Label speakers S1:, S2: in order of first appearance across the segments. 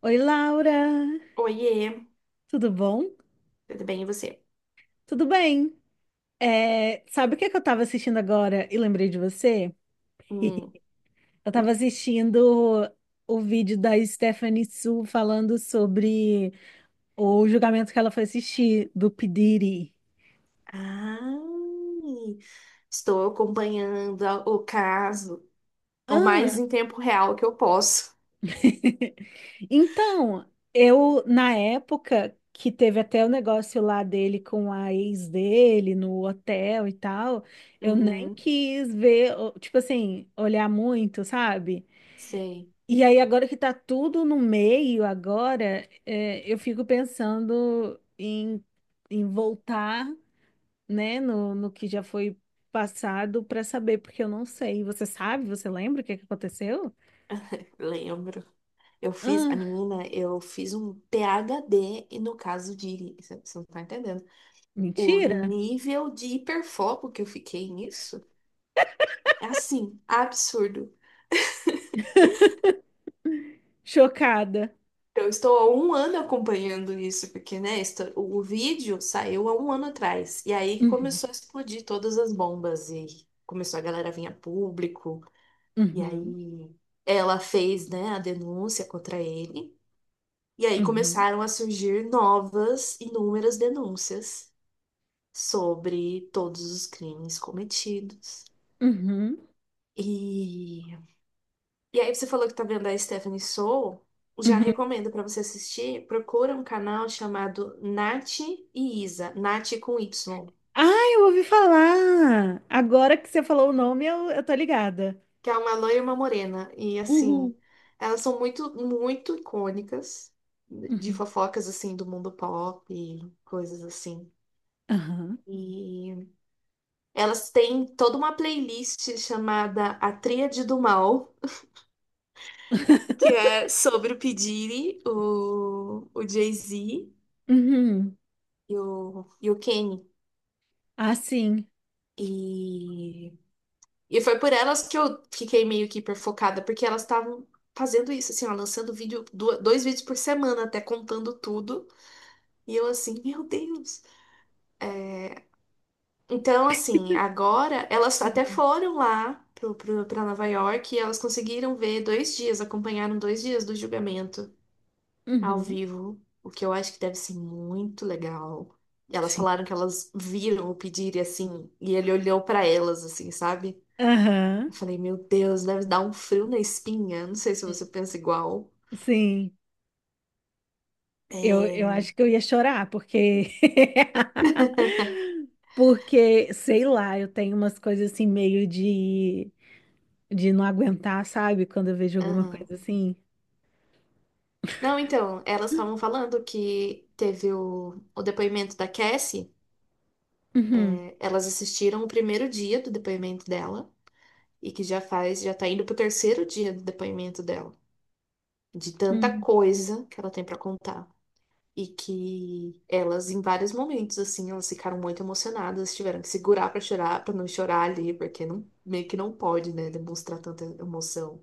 S1: Oi, Laura!
S2: Oiê,
S1: Tudo bom?
S2: tudo bem e você?
S1: Tudo bem. É, sabe o que é que eu tava assistindo agora e lembrei de você?
S2: Hum.
S1: Eu tava assistindo o vídeo da Stephanie Su falando sobre o julgamento que ela foi assistir do P. Diddy.
S2: Ai, estou acompanhando o caso o mais
S1: Ah!
S2: em tempo real que eu posso.
S1: Então, eu, na época que teve até o negócio lá dele com a ex dele no hotel e tal, eu nem
S2: Uhum,
S1: quis ver, tipo assim, olhar muito, sabe?
S2: sei,
S1: E aí, agora que tá tudo no meio, agora, eu fico pensando em, em voltar, né, no que já foi passado para saber, porque eu não sei. Você sabe? Você lembra o que que aconteceu?
S2: lembro. Eu fiz, a
S1: Ah,
S2: menina, eu fiz um PhD e no caso de, você não tá entendendo, o
S1: mentira!
S2: nível de hiperfoco que eu fiquei nisso é assim, absurdo.
S1: Chocada.
S2: Eu estou há um ano acompanhando isso, porque, né, o vídeo saiu há um ano atrás. E aí
S1: Uhum,
S2: começou a explodir todas as bombas e começou a galera a vir a público. E
S1: uhum,
S2: aí ela fez, né, a denúncia contra ele. E aí
S1: uhum,
S2: começaram a surgir novas, inúmeras denúncias sobre todos os crimes cometidos.
S1: uhum,
S2: e E aí você falou que tá vendo a Stephanie Soul, já
S1: uhum.
S2: recomendo pra você assistir, procura um canal chamado Nath e Isa, Nath com Y,
S1: Ah, eu ouvi falar! Agora que você falou o nome, eu tô ligada.
S2: que é uma loira e uma morena, e
S1: Uhul.
S2: assim, elas são muito, muito icônicas de
S1: Uhum.
S2: fofocas, assim, do mundo pop e coisas assim.
S1: Aham.
S2: E elas têm toda uma playlist chamada A Tríade do Mal, que é sobre o P. Diddy, o Jay-Z
S1: Uhum.
S2: e o Kanye.
S1: Ah, sim.
S2: E, e foi por elas que eu fiquei meio que hiperfocada, porque elas estavam fazendo isso, assim, ó, lançando vídeo, dois vídeos por semana, até contando tudo. E eu assim, meu Deus. É, então, assim, agora elas até
S1: Uhum.
S2: foram lá pra Nova York e elas conseguiram ver dois dias, acompanharam dois dias do julgamento ao
S1: Uhum.
S2: vivo, o que eu acho que deve ser muito legal. E elas
S1: Sim.
S2: falaram que elas viram o pedir e assim, e ele olhou pra elas, assim, sabe?
S1: Aham.
S2: Eu falei, meu Deus, deve dar um frio na espinha. Não sei se
S1: Hum,
S2: você pensa igual.
S1: sim. Eu
S2: É.
S1: acho que eu ia chorar, porque. Porque, sei lá, eu tenho umas coisas assim meio de não aguentar, sabe? Quando eu vejo alguma
S2: Aham.
S1: coisa assim.
S2: Não, então, elas estavam falando que teve o depoimento da Cassie.
S1: Uhum.
S2: Elas assistiram o primeiro dia do depoimento dela e que já faz, já tá indo pro terceiro dia do depoimento dela, de tanta
S1: Uhum.
S2: coisa que ela tem pra contar. E que elas, em vários momentos, assim, elas ficaram muito emocionadas, tiveram que segurar pra chorar, pra não chorar ali, porque não, meio que não pode, né, demonstrar tanta emoção.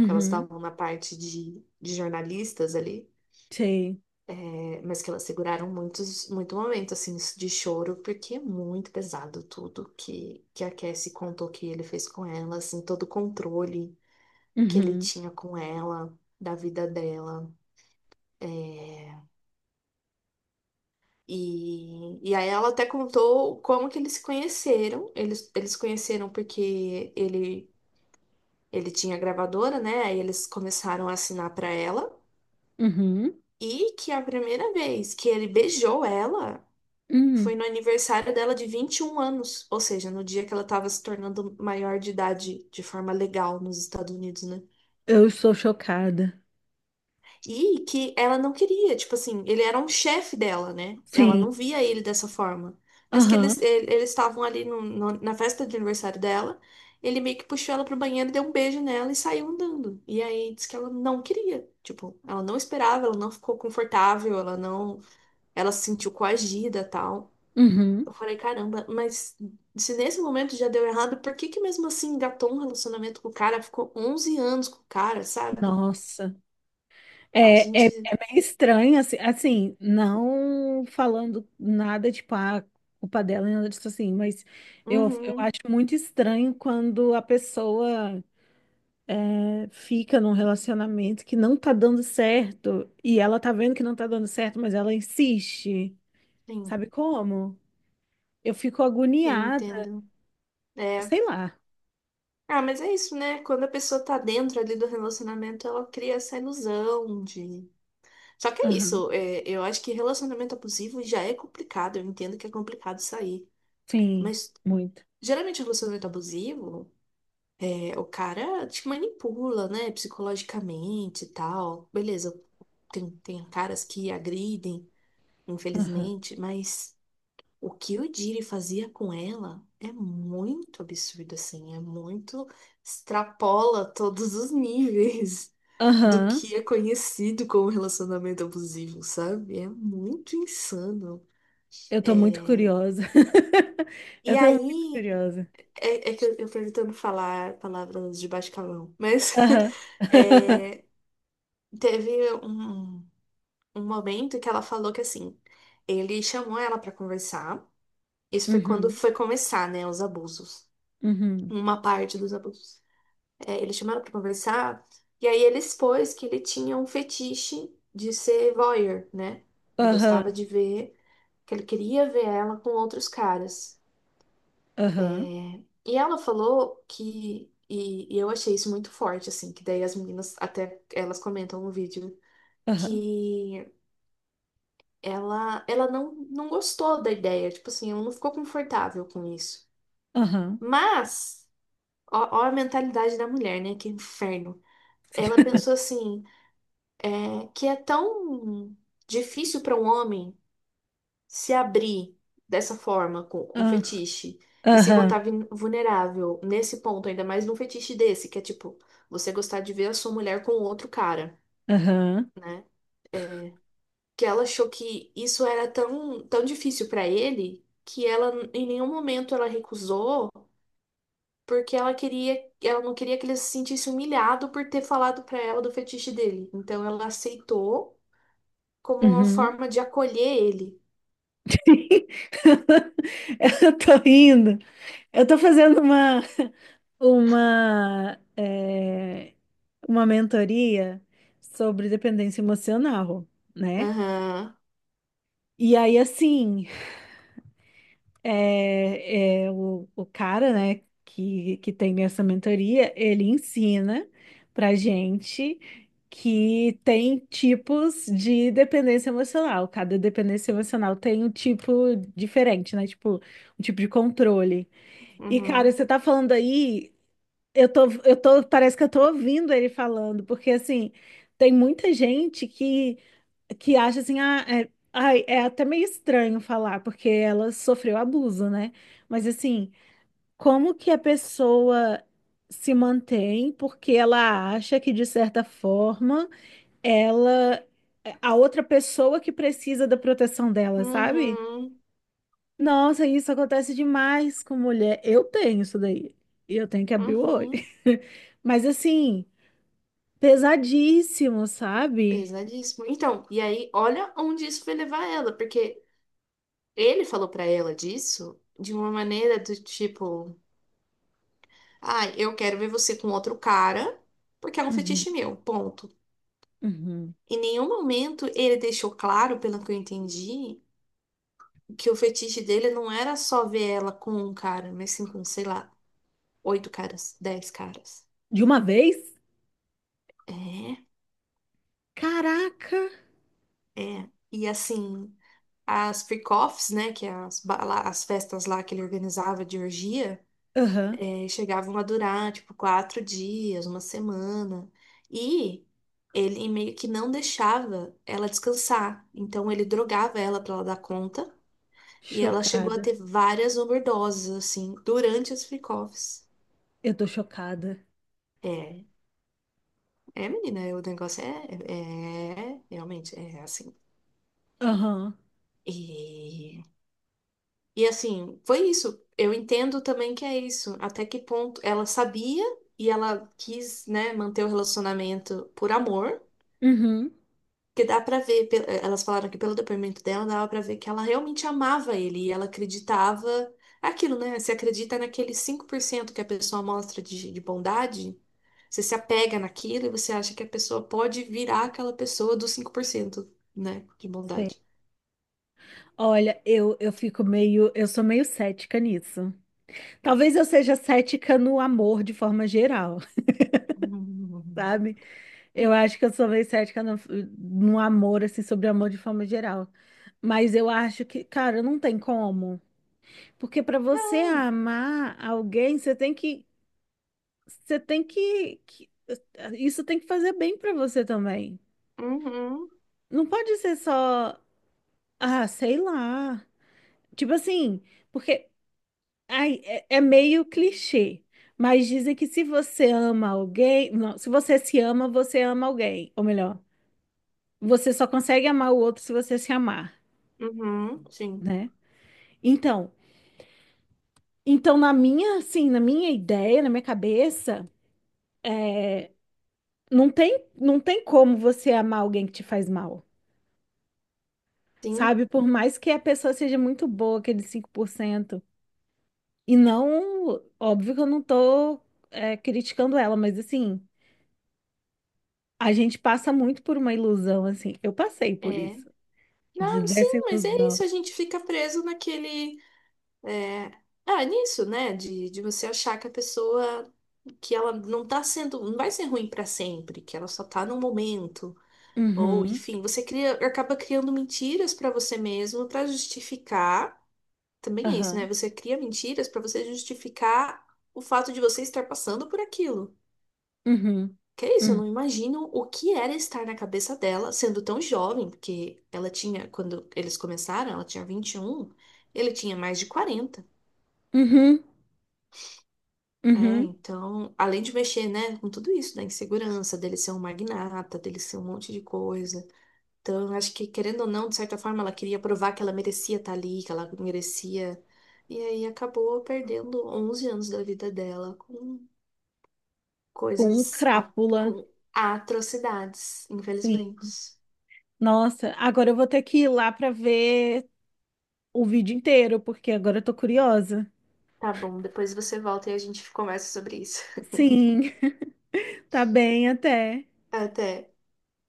S2: Porque elas estavam na parte de jornalistas ali,
S1: Sei.
S2: é, mas que elas seguraram muitos, muito momento, assim, de choro, porque é muito pesado tudo que a Cassie contou que ele fez com ela, assim, todo o controle que ele
S1: Uhum.
S2: tinha com ela, da vida dela. É, e aí ela até contou como que eles se conheceram. Eles se conheceram porque ele tinha gravadora, né? Aí eles começaram a assinar para ela.
S1: Uhum.
S2: E que a primeira vez que ele beijou ela foi
S1: Uhum.
S2: no aniversário dela de 21 anos, ou seja, no dia que ela estava se tornando maior de idade de forma legal nos Estados Unidos, né?
S1: Eu estou chocada.
S2: E que ela não queria, tipo assim, ele era um chefe dela, né? Ela
S1: Sim.
S2: não via ele dessa forma. Mas que
S1: Aham.
S2: eles, eles estavam ali na festa de aniversário dela, ele meio que puxou ela pro banheiro, deu um beijo nela e saiu andando. E aí disse que ela não queria, tipo, ela não esperava, ela não ficou confortável, ela não. Ela se sentiu coagida, tal.
S1: Uhum.
S2: Eu falei, caramba, mas se nesse momento já deu errado, por que que mesmo assim engatou um relacionamento com o cara? Ficou 11 anos com o cara, sabe?
S1: Nossa.
S2: A gente.
S1: É meio estranho, assim, não falando nada, tipo, a culpa dela, nem nada disso assim, mas eu
S2: Uhum,
S1: acho muito estranho quando a pessoa fica num relacionamento que não tá dando certo e ela tá vendo que não tá dando certo, mas ela insiste,
S2: sim,
S1: sabe como? Eu fico
S2: eu
S1: agoniada,
S2: entendo. É.
S1: sei lá.
S2: Ah, mas é isso, né? Quando a pessoa tá dentro ali do relacionamento, ela cria essa ilusão de. Só que é
S1: Aham,
S2: isso, é, eu acho que relacionamento abusivo já é complicado, eu entendo que é complicado sair.
S1: sim,
S2: Mas
S1: muito.
S2: geralmente o relacionamento abusivo. É, o cara te manipula, né, psicologicamente e tal. Beleza, tem, tem caras que agridem,
S1: Aham,
S2: infelizmente, mas o que o Jiri fazia com ela é muito absurdo, assim, é muito, extrapola todos os níveis do
S1: aham,
S2: que é conhecido como relacionamento abusivo, sabe? É muito insano.
S1: eu tô muito
S2: É...
S1: curiosa. Eu
S2: E
S1: tô muito
S2: aí,
S1: curiosa.
S2: é, é que eu tô tentando falar palavras de baixo calão, mas...
S1: Aham.
S2: É, teve um, um momento que ela falou que assim, ele chamou ela pra conversar. Isso foi quando
S1: Uhum.
S2: foi começar, né, os abusos.
S1: Uhum.
S2: Uma parte dos abusos. É, ele chamou ela pra conversar e aí ele expôs que ele tinha um fetiche de ser voyeur, né? Ele
S1: Aham.
S2: gostava de ver, que ele queria ver ela com outros caras. É,
S1: Aham.
S2: e ela falou que e eu achei isso muito forte, assim, que daí as meninas até elas comentam no vídeo
S1: Aham.
S2: que ela não, não gostou da ideia, tipo assim, ela não ficou confortável com isso.
S1: Aham.
S2: Mas, ó, ó a mentalidade da mulher, né? Que inferno.
S1: Sim.
S2: Ela pensou assim, é, que é tão difícil para um homem se abrir dessa forma com
S1: Ah,
S2: fetiche e se botar
S1: aham.
S2: vulnerável nesse ponto, ainda mais num fetiche desse, que é tipo, você gostar de ver a sua mulher com outro cara,
S1: Aham.
S2: né? Que ela achou que isso era tão, tão difícil pra ele que ela em nenhum momento ela recusou, porque ela queria, ela não queria que ele se sentisse humilhado por ter falado pra ela do fetiche dele. Então ela aceitou como uma
S1: Uhum.
S2: forma de acolher ele.
S1: Eu tô rindo. Eu tô fazendo uma, eh, uma mentoria sobre dependência emocional, né?
S2: Aham.
S1: E aí, assim, é o cara, né, que tem essa mentoria, ele ensina pra gente que tem tipos de dependência emocional. Cada dependência emocional tem um tipo diferente, né? Tipo, um tipo de controle. E, cara,
S2: Uhum.
S1: você tá falando aí, parece que eu tô ouvindo ele falando, porque assim, tem muita gente que acha assim, é até meio estranho falar, porque ela sofreu abuso, né? Mas assim, como que a pessoa se mantém porque ela acha que, de certa forma, ela, é a outra pessoa que precisa da proteção dela, sabe?
S2: Uhum.
S1: Nossa, isso acontece demais com mulher. Eu tenho isso daí. E eu tenho que abrir o olho.
S2: Uhum.
S1: Mas assim, pesadíssimo, sabe?
S2: Pesadíssimo. Então, e aí, olha onde isso vai levar ela, porque ele falou pra ela disso de uma maneira do tipo: ai, eu quero ver você com outro cara, porque é um
S1: Uhum,
S2: fetiche meu, ponto.
S1: uhum.
S2: Em nenhum momento ele deixou claro, pelo que eu entendi, que o fetiche dele não era só ver ela com um cara, mas sim com, sei lá, oito caras, dez caras.
S1: De uma vez?
S2: É,
S1: Caraca!
S2: é. E assim, as freak-offs, né, que é as, as festas lá que ele organizava de orgia,
S1: Aham.
S2: e chegavam a durar, tipo, quatro dias, uma semana. E ele meio que não deixava ela descansar. Então ele drogava ela pra ela dar conta. E ela chegou a
S1: Chocada.
S2: ter várias overdoses, assim, durante os freak-offs.
S1: Eu tô chocada.
S2: É, é, menina, o negócio é, é, realmente, é assim.
S1: Aham.
S2: E, e assim, foi isso. Eu entendo também que é isso. Até que ponto ela sabia e ela quis, né, manter o relacionamento por amor.
S1: Uhum.
S2: Porque dá pra ver, elas falaram que pelo depoimento dela, dava pra ver que ela realmente amava ele e ela acreditava aquilo, né? Você acredita naquele 5% que a pessoa mostra de bondade, você se apega naquilo e você acha que a pessoa pode virar aquela pessoa dos 5%, né? De
S1: Sei.
S2: bondade.
S1: Olha, eu fico meio. Eu sou meio cética nisso. Talvez eu seja cética no amor de forma geral,
S2: Hum.
S1: sabe? Eu acho que eu sou meio cética no amor, assim, sobre amor de forma geral. Mas eu acho que, cara, não tem como. Porque pra você
S2: Não.
S1: amar alguém, você tem que. Você tem que. que- Isso tem que fazer bem pra você também.
S2: Uhum.
S1: Não pode ser só, ah, sei lá. Tipo assim, porque é meio clichê, mas dizem que se você ama alguém, não, se você se ama, você ama alguém. Ou melhor, você só consegue amar o outro se você se amar,
S2: Uhum. Sim.
S1: né? Então, então na minha, assim, na minha ideia, na minha cabeça, é, não tem, não tem como você amar alguém que te faz mal.
S2: Sim.
S1: Sabe, por mais que a pessoa seja muito boa, aquele 5%. E não, óbvio que eu não tô, é, criticando ela, mas assim, a gente passa muito por uma ilusão, assim. Eu passei por
S2: É.
S1: isso,
S2: Não, sim,
S1: dessa
S2: mas é isso.
S1: ilusão.
S2: A gente fica preso naquele. É, ah, nisso, né? De você achar que a pessoa, que ela não tá sendo, não vai ser ruim pra sempre, que ela só tá num momento. Ou,
S1: Uhum,
S2: enfim, você cria, acaba criando mentiras pra você mesmo pra justificar. Também é isso, né?
S1: aham,
S2: Você cria mentiras pra você justificar o fato de você estar passando por aquilo.
S1: uhum,
S2: Que é isso, eu
S1: uhum,
S2: não imagino o que era estar na cabeça dela, sendo tão jovem, porque ela tinha, quando eles começaram, ela tinha 21, ele tinha mais de 40.
S1: uhum,
S2: É,
S1: uhum,
S2: então, além de mexer, né, com tudo isso, da insegurança, dele ser um magnata, dele ser um monte de coisa. Então, eu acho que, querendo ou não, de certa forma, ela queria provar que ela merecia estar ali, que ela merecia. E aí acabou perdendo 11 anos da vida dela com
S1: com
S2: coisas,
S1: crápula,
S2: com atrocidades,
S1: sim.
S2: infelizmente.
S1: Nossa, agora eu vou ter que ir lá pra ver o vídeo inteiro, porque agora eu tô curiosa.
S2: Tá bom, depois você volta e a gente conversa sobre isso.
S1: Sim, tá bem até.
S2: Até.